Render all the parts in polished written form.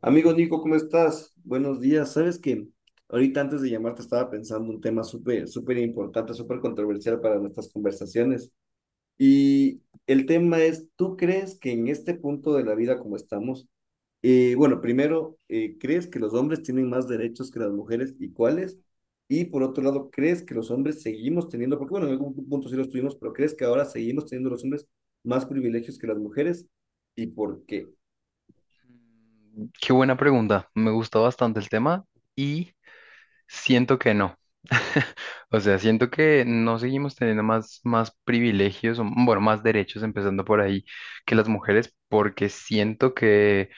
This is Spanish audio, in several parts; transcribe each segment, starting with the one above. Amigo Nico, ¿cómo estás? Buenos días. Sabes que ahorita antes de llamarte estaba pensando un tema súper, súper importante, súper controversial para nuestras conversaciones. Y el tema es, ¿tú crees que en este punto de la vida como estamos, bueno, primero, ¿crees que los hombres tienen más derechos que las mujeres y cuáles? Y por otro lado, ¿crees que los hombres seguimos teniendo, porque bueno, en algún punto sí los tuvimos, pero ¿crees que ahora seguimos teniendo los hombres más privilegios que las mujeres? ¿Y por qué? Qué buena pregunta. Me gusta bastante el tema y siento que no. O sea, siento que no seguimos teniendo más privilegios, o, bueno, más derechos, empezando por ahí, que las mujeres, porque siento que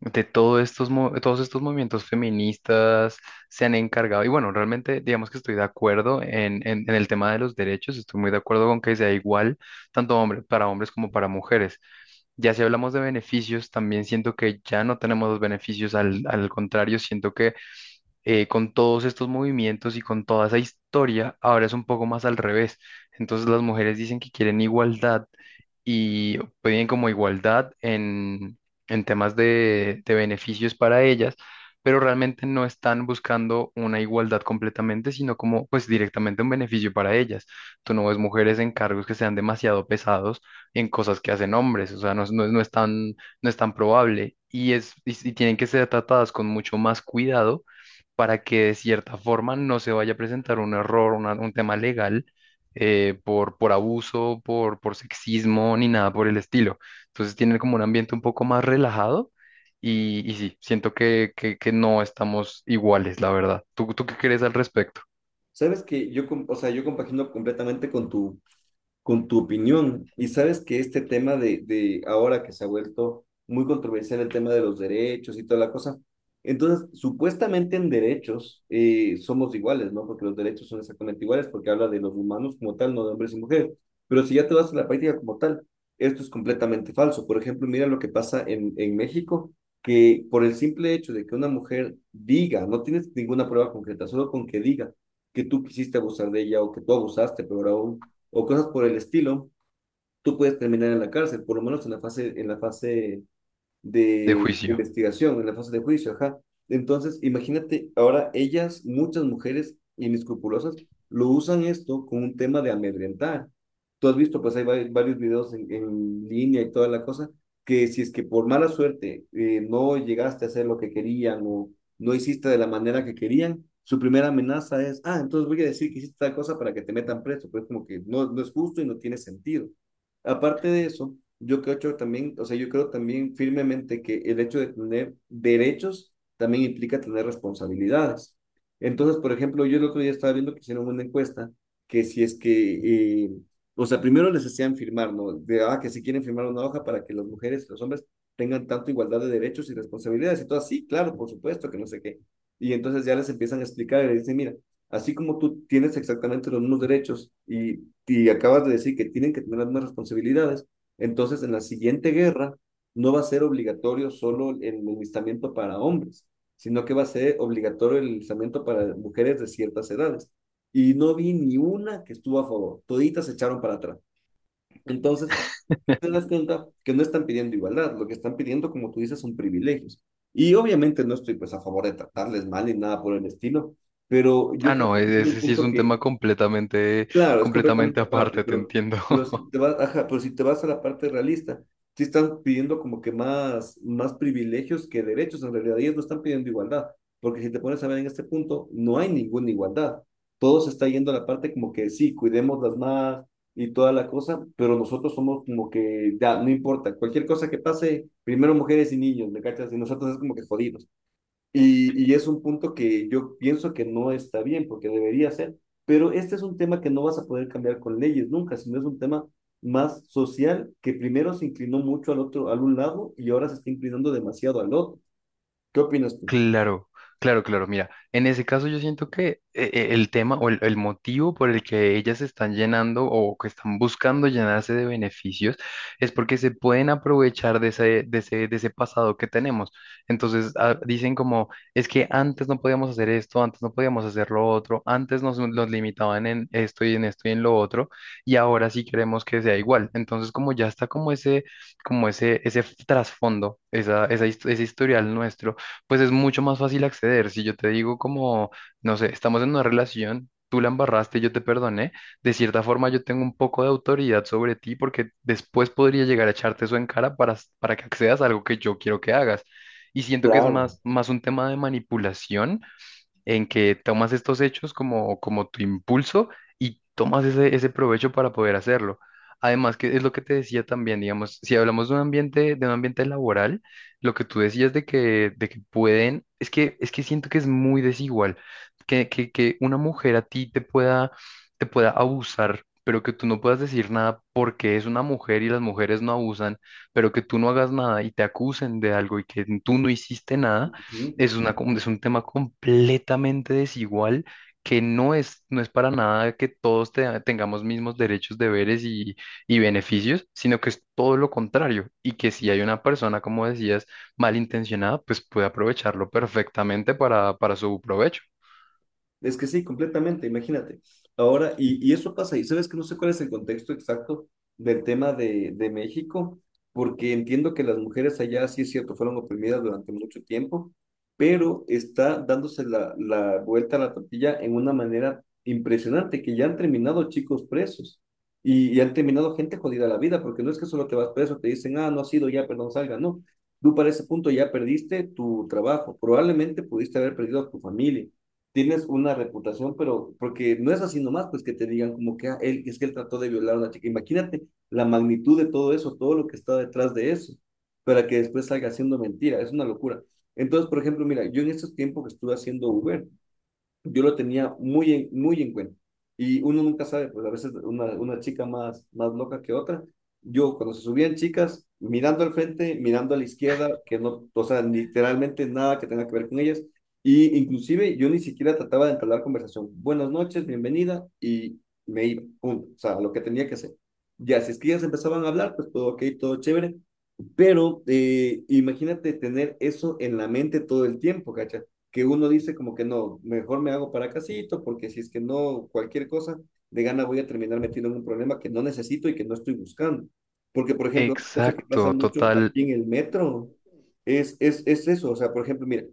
de todo estos, todos estos movimientos feministas se han encargado, y bueno, realmente digamos que estoy de acuerdo en, en el tema de los derechos, estoy muy de acuerdo con que sea igual para hombres como para mujeres. Ya si hablamos de beneficios, también siento que ya no tenemos los beneficios, al contrario, siento que con todos estos movimientos y con toda esa historia, ahora es un poco más al revés. Entonces las mujeres dicen que quieren igualdad y piden como igualdad en temas de beneficios para ellas, pero realmente no están buscando una igualdad completamente, sino como pues directamente un beneficio para ellas. Tú no ves mujeres en cargos que sean demasiado pesados en cosas que hacen hombres, o sea, no, es- no, es no es tan, no es tan probable. Y, es, y tienen que ser tratadas con mucho más cuidado para que de cierta forma no se vaya a presentar un error, un tema legal por abuso, por sexismo, ni nada por el estilo. Entonces tienen como un ambiente un poco más relajado y sí, siento que, que no estamos iguales, la verdad. ¿Tú qué crees al respecto Sabes que yo, o sea, yo compagino completamente con tu opinión. Y sabes que este tema de ahora que se ha vuelto muy controversial el tema de los derechos y toda la cosa, entonces supuestamente en derechos somos iguales, ¿no? Porque los derechos son exactamente iguales, porque habla de los humanos como tal, no de hombres y mujeres. Pero si ya te vas a la práctica como tal, esto es completamente falso. Por ejemplo, mira lo que pasa en México, que por el simple hecho de que una mujer diga, no tienes ninguna prueba concreta, solo con que diga que tú quisiste abusar de ella o que tú abusaste, pero aún o cosas por el estilo, tú puedes terminar en la cárcel, por lo menos en la fase de de juicio? investigación, en la fase de juicio, ajá. Entonces, imagínate, ahora ellas, muchas mujeres inescrupulosas, lo usan esto con un tema de amedrentar. Tú has visto, pues hay varios videos en línea y toda la cosa, que si es que por mala suerte no llegaste a hacer lo que querían o no hiciste de la manera que querían, su primera amenaza es, ah, entonces voy a decir que hiciste tal cosa para que te metan preso. Pues como que no, no es justo y no tiene sentido. Aparte de eso, yo creo también, o sea, yo creo también firmemente que el hecho de tener derechos también implica tener responsabilidades. Entonces, por ejemplo, yo el otro día estaba viendo que hicieron una encuesta que si es que, o sea, primero les hacían firmar, ¿no? De, ah, que si quieren firmar una hoja para que las mujeres y los hombres tengan tanto igualdad de derechos y responsabilidades. Y todo así, claro, por supuesto, que no sé qué. Y entonces ya les empiezan a explicar y les dicen, mira, así como tú tienes exactamente los mismos derechos y acabas de decir que tienen que tener las mismas responsabilidades, entonces en la siguiente guerra no va a ser obligatorio solo el enlistamiento para hombres, sino que va a ser obligatorio el enlistamiento para mujeres de ciertas edades. Y no vi ni una que estuvo a favor, toditas se echaron para atrás. Entonces, te das cuenta que no están pidiendo igualdad, lo que están pidiendo, como tú dices, son privilegios. Y obviamente no estoy pues a favor de tratarles mal ni nada por el estilo, pero yo Ah, creo no, que es un ese sí es punto un que tema completamente, Claro, es completamente completamente aparte, aparte, te entiendo. pero si te vas, ajá, pero si te vas a la parte realista, sí están pidiendo como que más, más privilegios que derechos en realidad, ellos no están pidiendo igualdad, porque si te pones a ver en este punto, no hay ninguna igualdad, todo se está yendo a la parte como que sí, cuidemos las más y toda la cosa, pero nosotros somos como que ya, no importa, cualquier cosa que pase, primero mujeres y niños, ¿me cachas? Y nosotros es como que jodidos. Y es un punto que yo pienso que no está bien, porque debería ser, pero este es un tema que no vas a poder cambiar con leyes nunca, sino es un tema más social que primero se inclinó mucho al otro, al un lado y ahora se está inclinando demasiado al otro. ¿Qué opinas tú? Claro, claro, claro. Mira, en ese caso yo siento que el tema o el motivo por el que ellas se están llenando o que están buscando llenarse de beneficios es porque se pueden aprovechar de ese, de ese, de ese pasado que tenemos. Entonces ah, dicen como, es que antes no podíamos hacer esto, antes no podíamos hacer lo otro, antes nos, nos limitaban en esto y en esto y en lo otro, y ahora sí queremos que sea igual. Entonces como ya está como ese trasfondo, esa, ese historial nuestro pues es mucho más fácil acceder. Si yo te digo como, no sé, estamos en una relación, tú la embarraste, yo te perdoné, de cierta forma yo tengo un poco de autoridad sobre ti porque después podría llegar a echarte eso en cara para, para que accedas a algo que yo quiero que hagas. Y siento que es Claro. más un tema de manipulación en que tomas estos hechos como, como tu impulso y tomas ese, ese provecho para poder hacerlo. Además, que es lo que te decía también, digamos, si hablamos de un ambiente laboral, lo que tú decías de que pueden, es que siento que es muy desigual, que, que una mujer a ti te pueda abusar, pero que tú no puedas decir nada porque es una mujer y las mujeres no abusan, pero que tú no hagas nada y te acusen de algo y que tú no hiciste nada Ujú. es una, es un tema completamente desigual que no es, no es para nada que todos tengamos mismos derechos, deberes y beneficios, sino que es todo lo contrario y que si hay una persona, como decías, malintencionada, pues puede aprovecharlo perfectamente para su provecho. Es que sí, completamente, imagínate. Ahora, y eso pasa, y sabes que no sé cuál es el contexto exacto del tema de México, porque entiendo que las mujeres allá, sí es cierto, fueron oprimidas durante mucho tiempo, pero está dándose la, la vuelta a la tortilla en una manera impresionante, que ya han terminado chicos presos y han terminado gente jodida la vida, porque no es que solo te vas preso, te dicen, ah, no has sido ya, perdón, salga, no. Tú para ese punto ya perdiste tu trabajo, probablemente pudiste haber perdido a tu familia tienes una reputación, pero porque no es así nomás, pues que te digan como que ah, él, es que él trató de violar a una chica. Imagínate la magnitud de todo eso, todo lo que está detrás de eso, para que después salga haciendo mentira, es una locura. Entonces, por ejemplo, mira, yo en estos tiempos que estuve haciendo Uber, yo lo tenía muy en cuenta. Y uno nunca sabe, pues a veces una chica más, más loca que otra. Yo cuando se subían chicas, mirando al frente, mirando a la izquierda, que no, o sea, literalmente nada que tenga que ver con ellas. Y inclusive yo ni siquiera trataba de entablar conversación. Buenas noches, bienvenida, y me iba, punto. O sea, lo que tenía que hacer. Ya, si es que ellas empezaban a hablar, pues todo ok, todo chévere. Pero imagínate tener eso en la mente todo el tiempo, ¿cachai? Que uno dice como que no, mejor me hago para casito, porque si es que no, cualquier cosa, de gana voy a terminar metido en un problema que no necesito y que no estoy buscando. Porque, por ejemplo, otra cosa que pasa Exacto, mucho total. aquí en el metro es eso. O sea, por ejemplo, mira,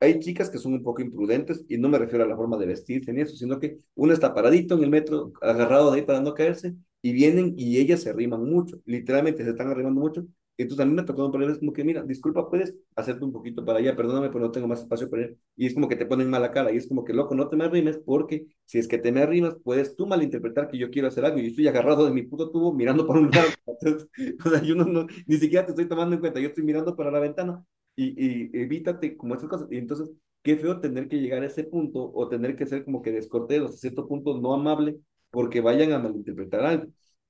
hay chicas que son un poco imprudentes y no me refiero a la forma de vestirse ni eso, sino que uno está paradito en el metro, agarrado de ahí para no caerse, y vienen y ellas se arriman mucho, literalmente se están arrimando mucho entonces a mí me ha tocado poner, como que, mira, disculpa, puedes hacerte un poquito para allá, perdóname, pero no tengo más espacio para ir. Y es como que te ponen mala cara y es como que, loco, no te me arrimes porque si es que te me arrimas, puedes tú malinterpretar que yo quiero hacer algo y yo estoy agarrado de mi puto tubo mirando para un lado. Entonces, o sea, yo no, no, ni siquiera te estoy tomando en cuenta, yo estoy mirando para la ventana y, y evítate como esas cosas. Y entonces, qué feo tener que llegar a ese punto o tener que ser como que descortés, a cierto punto no amable porque vayan a malinterpretar algo.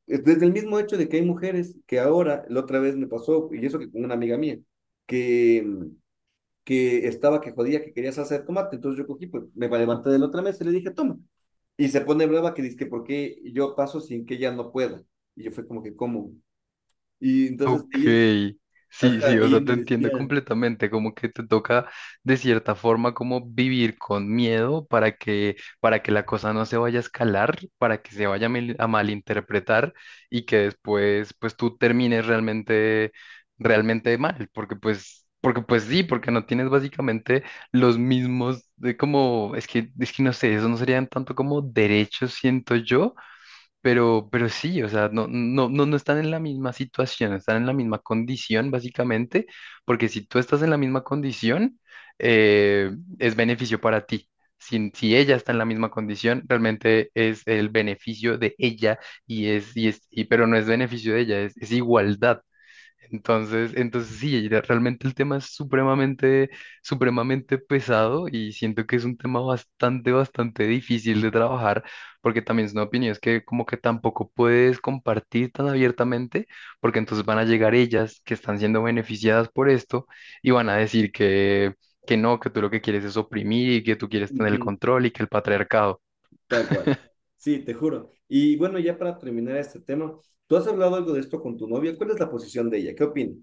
Desde el mismo hecho de que hay mujeres que ahora, la otra vez me pasó, y eso que con una amiga mía, que, que estaba que jodía que quería salsa de tomate, entonces yo cogí, pues me levanté de la otra mesa y le dije, toma. Y se pone brava que dice que por qué yo paso sin que ella no pueda. Y yo fue como que, ¿cómo? Y entonces Ok, ella, sí, ajá, sí, o ella sea, te me entiendo decía, completamente, como que te toca de cierta forma como vivir con miedo para que la cosa no se vaya a escalar, para que se vaya a a malinterpretar y que después pues tú termines realmente, realmente mal, porque pues sí, porque no tienes básicamente los mismos de como, es que no sé, eso no serían tanto como derechos, siento yo, pero sí, o sea, no, no, no, no están en la misma situación, están en la misma condición, básicamente, porque si tú estás en la misma condición, eh, es beneficio para ti. Si ella está en la misma condición, realmente es el beneficio de ella y es, y es, y, pero no es beneficio de ella, es igualdad. Entonces, entonces sí, realmente el tema es supremamente, supremamente pesado y siento que es un tema bastante, bastante difícil de trabajar porque también son opiniones que como que tampoco puedes compartir tan abiertamente porque entonces van a llegar ellas que están siendo beneficiadas por esto y van a decir que no, que tú lo que quieres es oprimir y que tú quieres tener el ujú, control y que el patriarcado. tal cual. Sí, te juro. Y bueno, ya para terminar este tema, ¿tú has hablado algo de esto con tu novia? ¿Cuál es la posición de ella? ¿Qué opina?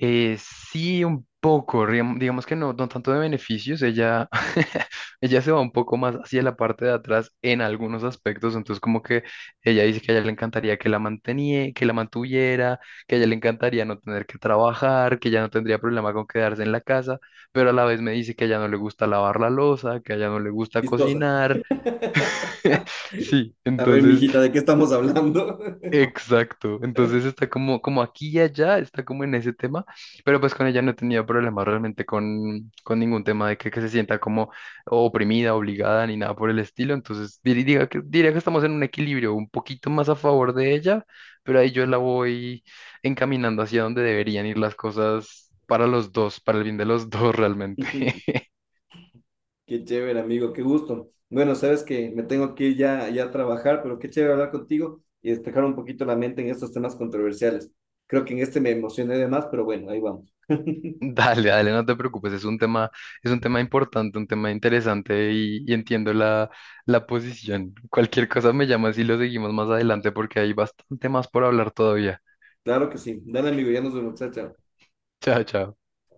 Sí, un poco, digamos que no, no tanto de beneficios, ella, ella se va un poco más hacia la parte de atrás en algunos aspectos, entonces como que ella dice que a ella le encantaría que la mantenía, que la mantuviera, que a ella Mm. le encantaría no tener que trabajar, que ella no tendría problema con quedarse en la casa, pero a la vez me dice que a ella no le gusta lavar la loza, que a ella no le gusta Chistosa. cocinar, sí, A ver, entonces mijita, ¿de qué estamos hablando? Exacto, entonces está como, como aquí y allá, está como en ese tema, pero pues con ella no he tenido problemas realmente con ningún tema de que se sienta como oprimida, obligada, ni nada por el estilo, entonces diga que, diría que estamos en un equilibrio un poquito más a favor de ella, pero ahí yo la voy encaminando hacia donde deberían ir las cosas para los dos, para el bien de los dos realmente. Qué chévere, amigo, qué gusto. Bueno, sabes que me tengo que ir ya, ya a trabajar, pero qué chévere hablar contigo y despejar un poquito la mente en estos temas controversiales. Creo que en este me emocioné de más, pero bueno, ahí vamos. Dale, dale, no te preocupes, es un tema importante, un tema interesante y entiendo la, la posición. Cualquier cosa me llamas y lo seguimos más adelante porque hay bastante más por hablar todavía. Claro que sí. Dale, amigo, ya nos vemos, chao, chao. Chao, chao.